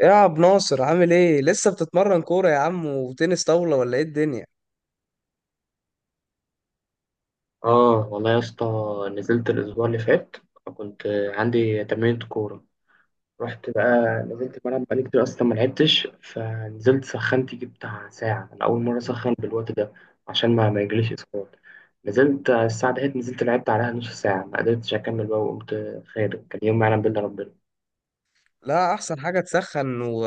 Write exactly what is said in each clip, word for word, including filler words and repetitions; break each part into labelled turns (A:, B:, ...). A: ايه يا عبد ناصر؟ عامل ايه؟ لسه بتتمرن كورة يا عم وتنس طاولة، ولا ايه الدنيا؟
B: اه والله يا اسطى، نزلت الاسبوع اللي فات. كنت عندي تمرينة كورة، رحت بقى، نزلت الملعب. بقالي كتير اصلا ما لعبتش، فنزلت سخنت يجي بتاع ساعة. انا اول مرة اسخن بالوقت ده عشان ما ما يجيليش اسقاط. نزلت على الساعة دهيت، نزلت لعبت عليها نص ساعة، ما قدرتش اكمل بقى وقمت خارج. كان يوم ما يعلم بالله ربنا.
A: لا، احسن حاجة تسخن و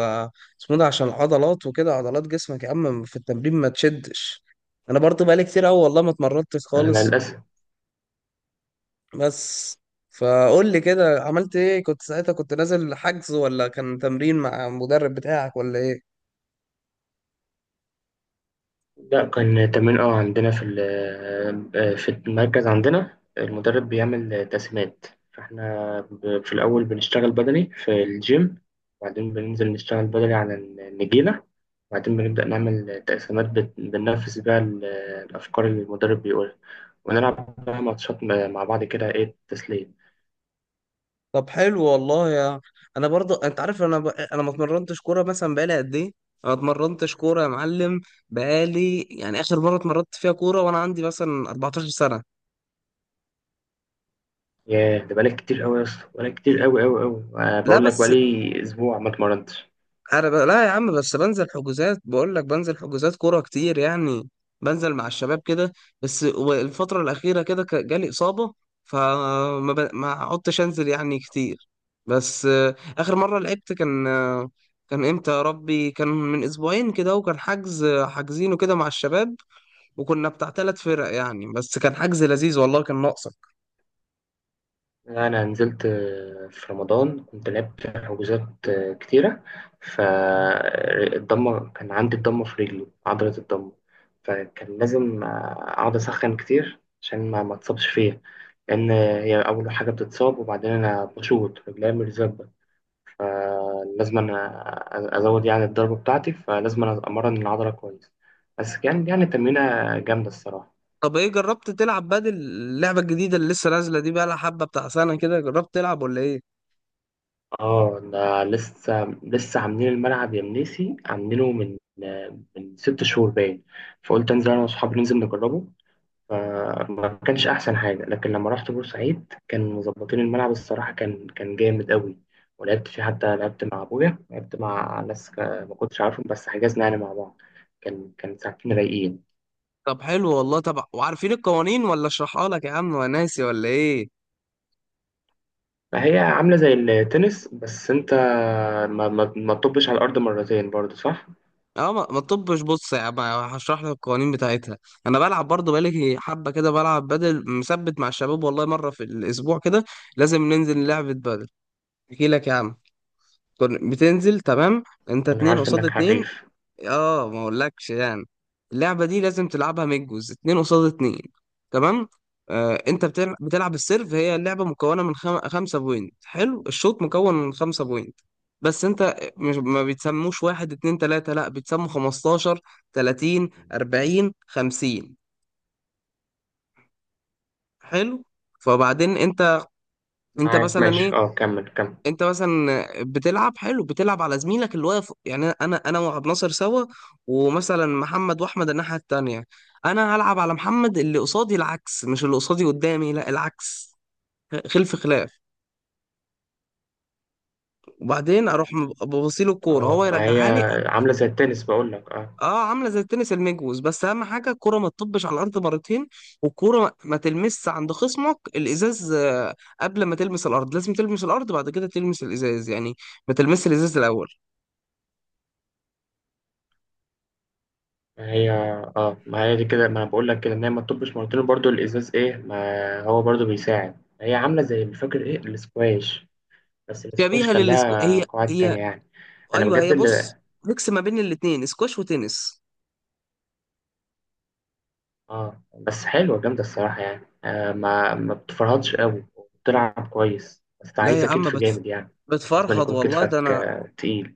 A: اسمه ده عشان العضلات وكده، عضلات جسمك يا عم في التمرين ما تشدش. انا برضو بقالي كتير اوي والله ما اتمرنتش
B: انا
A: خالص.
B: للاسف.
A: بس فقول لي كده، عملت ايه؟ كنت ساعتها كنت نازل حجز، ولا كان تمرين مع المدرب بتاعك، ولا ايه؟
B: لا، كان تمرين، اه، عندنا في ال- آه، في المركز. عندنا المدرب بيعمل تقسيمات، فاحنا ب- في الأول بنشتغل بدني في الجيم، وبعدين بننزل نشتغل بدني على النجيلة، وبعدين بنبدأ نعمل تقسيمات، بت- بننفذ بيها ال- الأفكار اللي المدرب بيقولها. ونلعب بقى ماتشات م- مع بعض كده، إيه، تسلية.
A: طب حلو والله يا. انا برضو انت عارف، انا ب... انا ما اتمرنتش كوره مثلا بقالي قد ايه. انا ما اتمرنتش كوره يا معلم، بقالي يعني اخر مره اتمرنت فيها كوره وانا عندي مثلا اربعة عشر سنه.
B: ياه، ده بقالك كتير أوي يا اسطى، بقالك كتير أوي أوي أوي. آه،
A: لا
B: بقول لك
A: بس
B: بقالي أسبوع ما اتمرنتش.
A: انا ب... لا يا عم، بس بنزل حجوزات، بقول لك بنزل حجوزات كوره كتير يعني. بنزل مع الشباب كده. بس و- الفتره الاخيره كده ك- جالي اصابه، فما ب... ما عدتش انزل يعني كتير. بس آه، اخر مره لعبت كان آه، كان امتى يا ربي؟ كان من اسبوعين كده، وكان حجز حاجزينه كده مع الشباب. وكنا بتاع ثلاث فرق يعني، بس كان حجز لذيذ والله، كان ناقصك.
B: أنا نزلت آه، في رمضان، كنت لعبت حجوزات آه، كتيرة. فالضمة كان عندي الضمة في رجلي، عضلة الضمة، فكان لازم آه، أقعد أسخن كتير عشان ما ما اتصابش فيها، لأن هي أول حاجة بتتصاب. وبعدين أنا بشوط رجلي مرزبة، فلازم أنا أزود يعني الضربة بتاعتي، فلازم أنا أمرن العضلة كويس. بس كان يعني تمرينة جامدة الصراحة.
A: طب ايه، جربت تلعب بدل اللعبه الجديده اللي لسه نازله دي؟ بقى لها حبه بتاع سنه كده. جربت تلعب، ولا ايه؟
B: اه، ده لسه لسه عاملين الملعب يا منيسي، عاملينه من من ست شهور باين. فقلت انزل انا واصحابي ننزل نجربه، فما كانش احسن حاجه. لكن لما رحت بورسعيد كان مظبطين الملعب الصراحه، كان كان جامد قوي. ولعبت فيه، حتى لعبت مع ابويا، لعبت مع ناس ك- ما كنتش عارفهم، بس حجزنا يعني مع بعض. كان كان ساعتين رايقين.
A: طب حلو والله. طب وعارفين القوانين، ولا اشرحها لك يا عم؟ وناسي، ولا ايه؟
B: فهي عامله زي التنس، بس انت ما ما ما تطبش على الارض مرتين برضه، صح؟
A: اه، ما ما تطبش. بص يا عم هشرح لك القوانين بتاعتها. انا بلعب برضه بقالي حبه كده، بلعب بدل مثبت مع الشباب والله، مره في الاسبوع كده. لازم ننزل لعبه بدل. احكي لك يا عم. كن- بتنزل تمام، انت
B: انا
A: اتنين
B: عارف
A: قصاد
B: انك
A: اتنين.
B: حريف.
A: اه ما اقولكش يعني. اللعبه دي لازم تلعبها ميجوز، اتنين قصاد اتنين. تمام. آه انت بتلعب, بتلعب السيرف. هي اللعبه مكونه من خم... خمسه بوينت. حلو، الشوط مكون من خمسه بوينت. بس انت مش ما بيتسموش واحد اتنين تلاته، لا بيتسموا خمستاشر، تلاتين، اربعين، خمسين. حلو. فبعدين انت، انت
B: معاك
A: مثلا
B: ماشي،
A: ايه،
B: اه، كمل كمل.
A: انت مثلا بتلعب حلو، بتلعب على زميلك اللي واقف يعني. انا انا وعبد ناصر سوا، ومثلا محمد واحمد الناحيه التانيه. انا هلعب على محمد اللي قصادي العكس، مش اللي قصادي قدامي، لا العكس، خلف خلاف. وبعدين اروح ببصيله الكوره،
B: اه،
A: هو
B: ما هي
A: يرجعها لي.
B: عاملة زي التنس، بقول لك. اه،
A: اه، عامله زي التنس المجوز، بس اهم حاجه الكوره ما تطبش على الارض مرتين. والكوره ما ما تلمسش عند خصمك الازاز آه، قبل ما تلمس الارض. لازم تلمس الارض بعد كده تلمس الازاز يعني، ما تلمس الازاز الاول.
B: ما هي اه ما هي دي كده، ما بقول لك كده ان هي ما تطبش مرتين برضو. الازاز، ايه، ما هو برضو بيساعد. هي عاملة زي، مش فاكر ايه، الاسكواش، بس الاسكواش
A: شبيهه
B: كان
A: للسكو،
B: لها
A: هي
B: قواعد
A: هي.
B: تانية يعني. انا
A: ايوه،
B: بجد
A: هي بص،
B: اللي
A: ميكس ما بين الاتنين، سكواش وتنس.
B: اه، بس حلوة جامدة الصراحة يعني. آه ما ما بتفرهدش قوي، وبتلعب كويس، بس
A: لا يا
B: عايزة
A: عم
B: كتف
A: بتف...
B: جامد يعني. لازم
A: بتفرهد
B: يكون
A: والله، ده
B: كتفك
A: انا.
B: آه تقيل.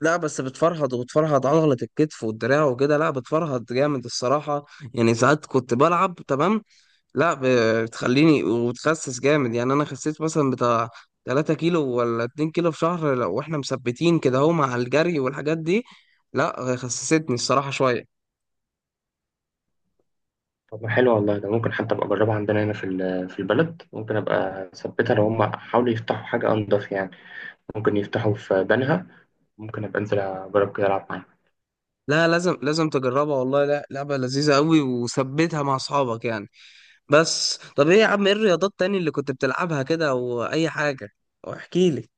A: لا بس بتفرهد، وبتفرهد عضلة الكتف والدراع وكده، لا بتفرهد جامد الصراحة. يعني ساعات كنت بلعب تمام. لا ب- بتخليني وبتخسس جامد يعني. انا خسيت مثلا بتاع تلاته كيلو ولا اتنين كيلو في شهر، لو احنا مثبتين كده اهو، مع الجري والحاجات دي. لا خسستني الصراحة شوية.
B: طب ما حلو والله، ده ممكن حتى ابقى اجربها عندنا هنا في ال- في البلد. ممكن ابقى اثبتها لو هم حاولوا يفتحوا حاجه انضف يعني. ممكن يفتحوا في بنها، ممكن ابقى انزل اجرب كده العب معاهم.
A: لا لازم لازم تجربها والله. لا، لعبة لذيذة قوي، وثبتها مع اصحابك يعني. بس طب ايه يا عم، ايه الرياضات تاني اللي كنت بتلعبها كده واي حاجة؟ واحكي لي.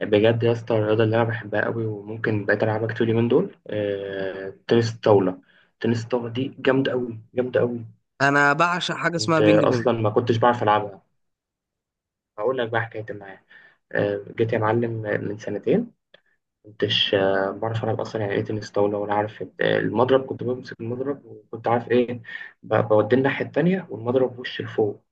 B: بجد يا اسطى، الرياضه اللي انا بحبها قوي وممكن بقيت العبها كتير من دول آه، تنس الطاوله. تنس الطاوله دي جامده قوي جامده قوي.
A: انا بعشق حاجة اسمها
B: كنت
A: بينج
B: آه،
A: بونج.
B: اصلا ما كنتش بعرف العبها. هقول لك بقى حكايتي معايا. آه، جيت يا معلم من سنتين كنتش آه، بعرف ألعب أصلا، يعني إيه تنس طاولة ولا عارف إيه. المضرب كنت بمسك المضرب وكنت عارف إيه، ب- بوديه الناحية التانية والمضرب وش لفوق.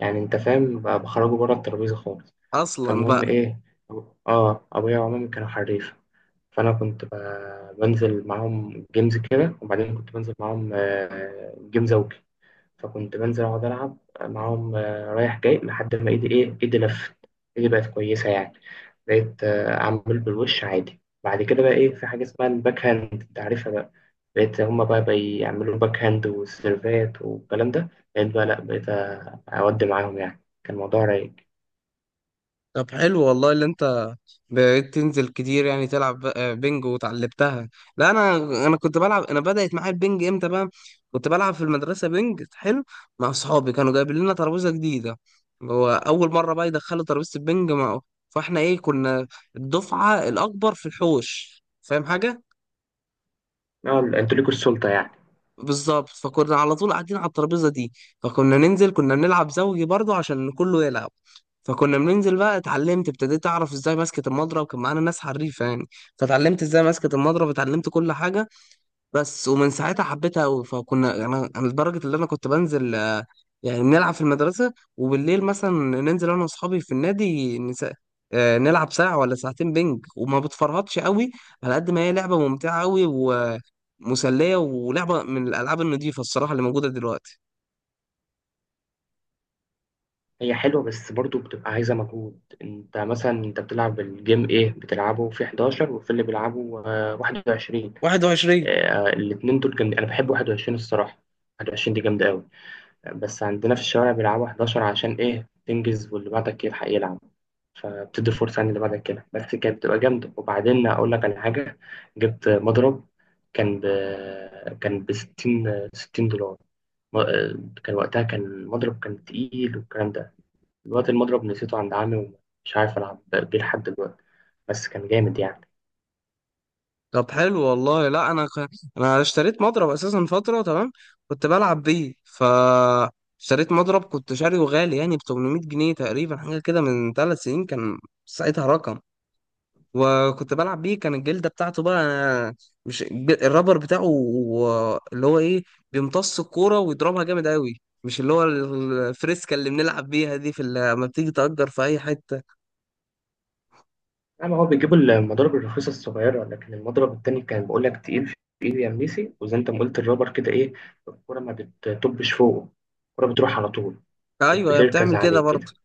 B: يعني أنت فاهم، ب- بخرجه بره الترابيزة خالص.
A: اصلا
B: فالمهم
A: بقى.
B: إيه، أبو- آه أبويا ومامي كانوا حريف، فأنا كنت ب- بنزل معاهم جيمز كده، وبعدين كنت بنزل معاهم آه، جيم زوجي. فكنت بنزل أقعد ألعب معاهم آه، رايح جاي لحد ما إيدي إيه إيدي لفت. إيدي بقت كويسة يعني. بقيت آه، أعمل بالوش عادي. بعد كده بقى إيه، في حاجة اسمها الباك هاند، أنت عارفها بقى. بقيت هما بقى بيعملوا باك هاند وسيرفات والكلام ده. بقيت بقى لأ، بقيت آه، أودي معاهم يعني، كان الموضوع رايق.
A: طب حلو والله اللي انت بقيت تنزل كتير يعني، تلعب ب- آه، بينج وتعلمتها. لا انا انا كنت بلعب. انا بدأت معايا البينج امتى بقى؟ كنت بلعب في المدرسة بينج حلو مع اصحابي، كانوا جايبين لنا ترابيزة جديدة. هو اول مرة بقى يدخلوا ترابيزة البينج مع... فاحنا ايه، كنا الدفعة الاكبر في الحوش، فاهم حاجة.
B: آه، أنتوا ليكوا السلطة يعني.
A: بالظبط. فكنا على طول قاعدين على الترابيزه دي، فكنا ننزل، كنا بنلعب زوجي برضو عشان كله يلعب. فكنا بننزل بقى، اتعلمت، ابتديت اعرف ازاي ماسكه المضرب. كان معانا ناس حريفه يعني، فتعلمت ازاي ماسكه المضرب، اتعلمت كل حاجه. بس ومن ساعتها حبيتها أوي. فكنا يعني، أنا لدرجة اللي أنا كنت بنزل آه، يعني نلعب في المدرسة، وبالليل مثلا ننزل أنا وأصحابي في النادي نس... آه، نلعب ساعة ولا ساعتين بينج. وما بتفرهدش أوي على قد ما هي لعبة ممتعة أوي ومسلية، ولعبة من الألعاب النضيفة الصراحة اللي موجودة دلوقتي.
B: هي حلوة بس برضو بتبقى عايزة مجهود. أنت مثلا أنت بتلعب الجيم، إيه، بتلعبه في حداشر وفي اللي بيلعبه آه، واحد وعشرين.
A: واحد وعشرين.
B: آه، الاتنين دول جامدين، انا بحب واحد وعشرين الصراحه. واحد وعشرين دي جامده قوي. بس عندنا في الشوارع بيلعبوا حداشر عشان ايه، تنجز واللي بعدك يلحق يلعب، فبتدي فرصه يعني اللي بعدك كده. بس كانت بتبقى جامده. وبعدين اقول لك على حاجه، جبت مضرب كان ب كان ب ستين ستين دولار. م- آه، كان وقتها كان المضرب كان تقيل والكلام ده. دلوقتي المضرب نسيته عند عمي ومش عارف العب بيه لحد دلوقتي، بس كان جامد يعني.
A: طب حلو والله. لا انا ك... انا اشتريت مضرب اساسا فتره تمام، كنت بلعب بيه. ف اشتريت مضرب، كنت شاريه غالي يعني، ب تمنميت جنيه تقريبا حاجه كده، من ثلاث سنين كان، ساعتها رقم. وكنت بلعب بيه، كان الجلده بتاعته بقى، مش الج- الرابر بتاعه، و- اللي هو ايه، بيمتص الكوره ويضربها جامد قوي، مش اللي هو الفريسكا اللي بنلعب بيها دي في ال- لما بتيجي تأجر في اي حته.
B: اما هو بيجيبوا المضارب الرخيصه الصغيره، لكن المضرب التاني كان بقول لك تقيل في ايدي يا منيسي. وزي انت ما قلت الرابر كده، ايه، الكره ما بتطبش فوقه، الكره بتروح على طول، مش
A: ايوه هي
B: بتركز
A: بتعمل كده
B: عليه
A: برضه.
B: كده.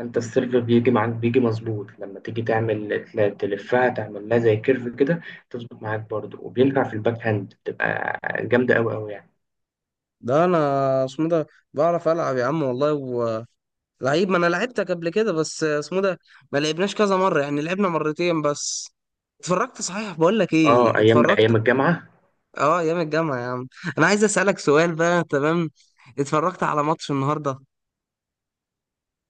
B: انت السيرف بيجي معاك بيجي مظبوط لما تيجي تعمل تل- تلفها، تعمل لها زي كيرف كده، تظبط معاك برضه. وبينفع في الباك هاند، بتبقى جامده قوي قوي يعني.
A: ده انا اسمه ده بعرف العب يا عم والله، لعيب. ما انا لعبتك قبل كده، بس اسمه ده ما لعبناش كذا مره يعني، لعبنا مرتين بس. اتفرجت صحيح، بقول لك ايه،
B: اه، ايام
A: اتفرجت.
B: ايام الجامعه.
A: اه، ايام الجامعه يا عم. انا عايز اسالك سؤال بقى، تمام؟ اتفرجت على ماتش النهارده؟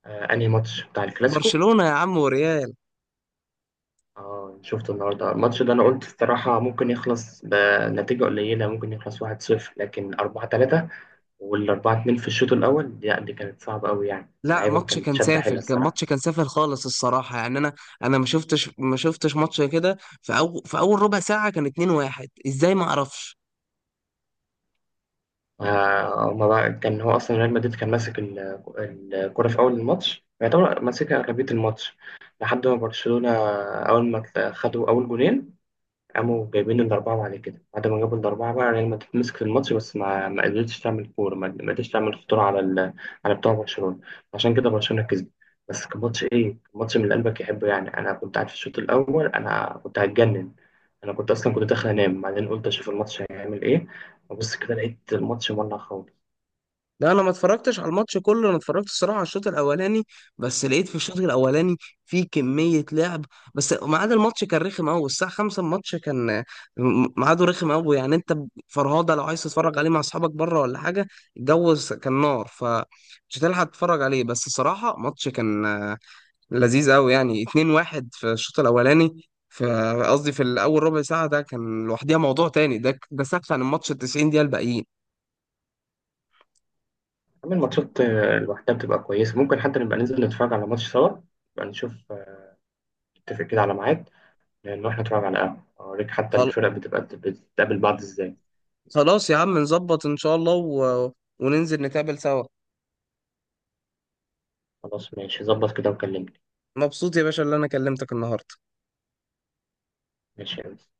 B: آه، انهي ماتش؟ بتاع الكلاسيكو.
A: برشلونه يا عم وريال.
B: اه، شفت النهارده الماتش ده. انا قلت الصراحه ممكن يخلص بنتيجه قليله، ممكن يخلص واحد صفر، لكن اربعة ثلاثة وال أربعة اتنين في الشوط الاول، لا دي كانت صعبه قوي يعني.
A: لا
B: اللعيبه
A: ماتش
B: كانت
A: كان
B: شده حيله
A: سافل، كان
B: الصراحه.
A: ماتش كان سافل خالص الصراحه يعني. انا انا ما شفتش ما شفتش ماتش كده. في أو في اول ربع ساعه كان اتنين واحد، ازاي ما اعرفش.
B: آه، هما بقى كان هو اصلا ريال مدريد كان ماسك ال- الكره في اول الماتش، يعتبر ماسك اغلبيه الماتش لحد ما برشلونه اول ما خدوا اول جولين قاموا جايبين الأربعة. بعد كده، بعد ما جابوا الأربعة، بقى ريال مدريد مسك في الماتش، بس ما ما قدرتش تعمل كورة، ما ما قدرتش تعمل خطورة على ال... على بتوع برشلونة. عشان كده برشلونة كسب. بس كان ماتش إيه، كان ماتش من اللي قلبك يحبه يعني. أنا كنت قاعد في الشوط الأول، أنا كنت هتجنن. أنا كنت أصلا كنت داخل أنام، بعدين قلت أشوف الماتش هيعمل إيه. وبص كده لقيت الماتش مولع خالص.
A: لا انا ما اتفرجتش على الماتش كله، انا اتفرجت الصراحه على الشوط الاولاني. بس لقيت في الشوط الاولاني في كميه لعب. بس ميعاد الماتش كان رخم قوي، الساعه خمسة الماتش كان م- ميعاده رخم قوي يعني. انت فرهاده لو عايز تتفرج عليه مع اصحابك بره ولا حاجه، الجو س- كان نار، فمش هتلحق تتفرج عليه. بس صراحه ماتش كان آه، لذيذ قوي يعني. اتنين واحد في الشوط الاولاني، في قصدي في الاول ربع ساعه ده كان لوحديها موضوع تاني. ده ده سكت عن الماتش ال التسعين دقيقه الباقيين.
B: أما الماتشات آه، لوحدها بتبقى كويسة. ممكن حتى نبقى ننزل نتفرج على ماتش سوا، نبقى نشوف آه، نتفق كده على ميعاد، نروح نتفرج على قهوة أوريك، حتى الفرق بتبقى بتتقابل بعض إزاي.
A: خلاص يا عم، نظبط ان شاء الله و... وننزل نتقابل سوا.
B: خلاص ماشي، ظبط كده وكلمني.
A: مبسوط يا باشا اللي انا كلمتك النهارده.
B: ماشي يا أنس.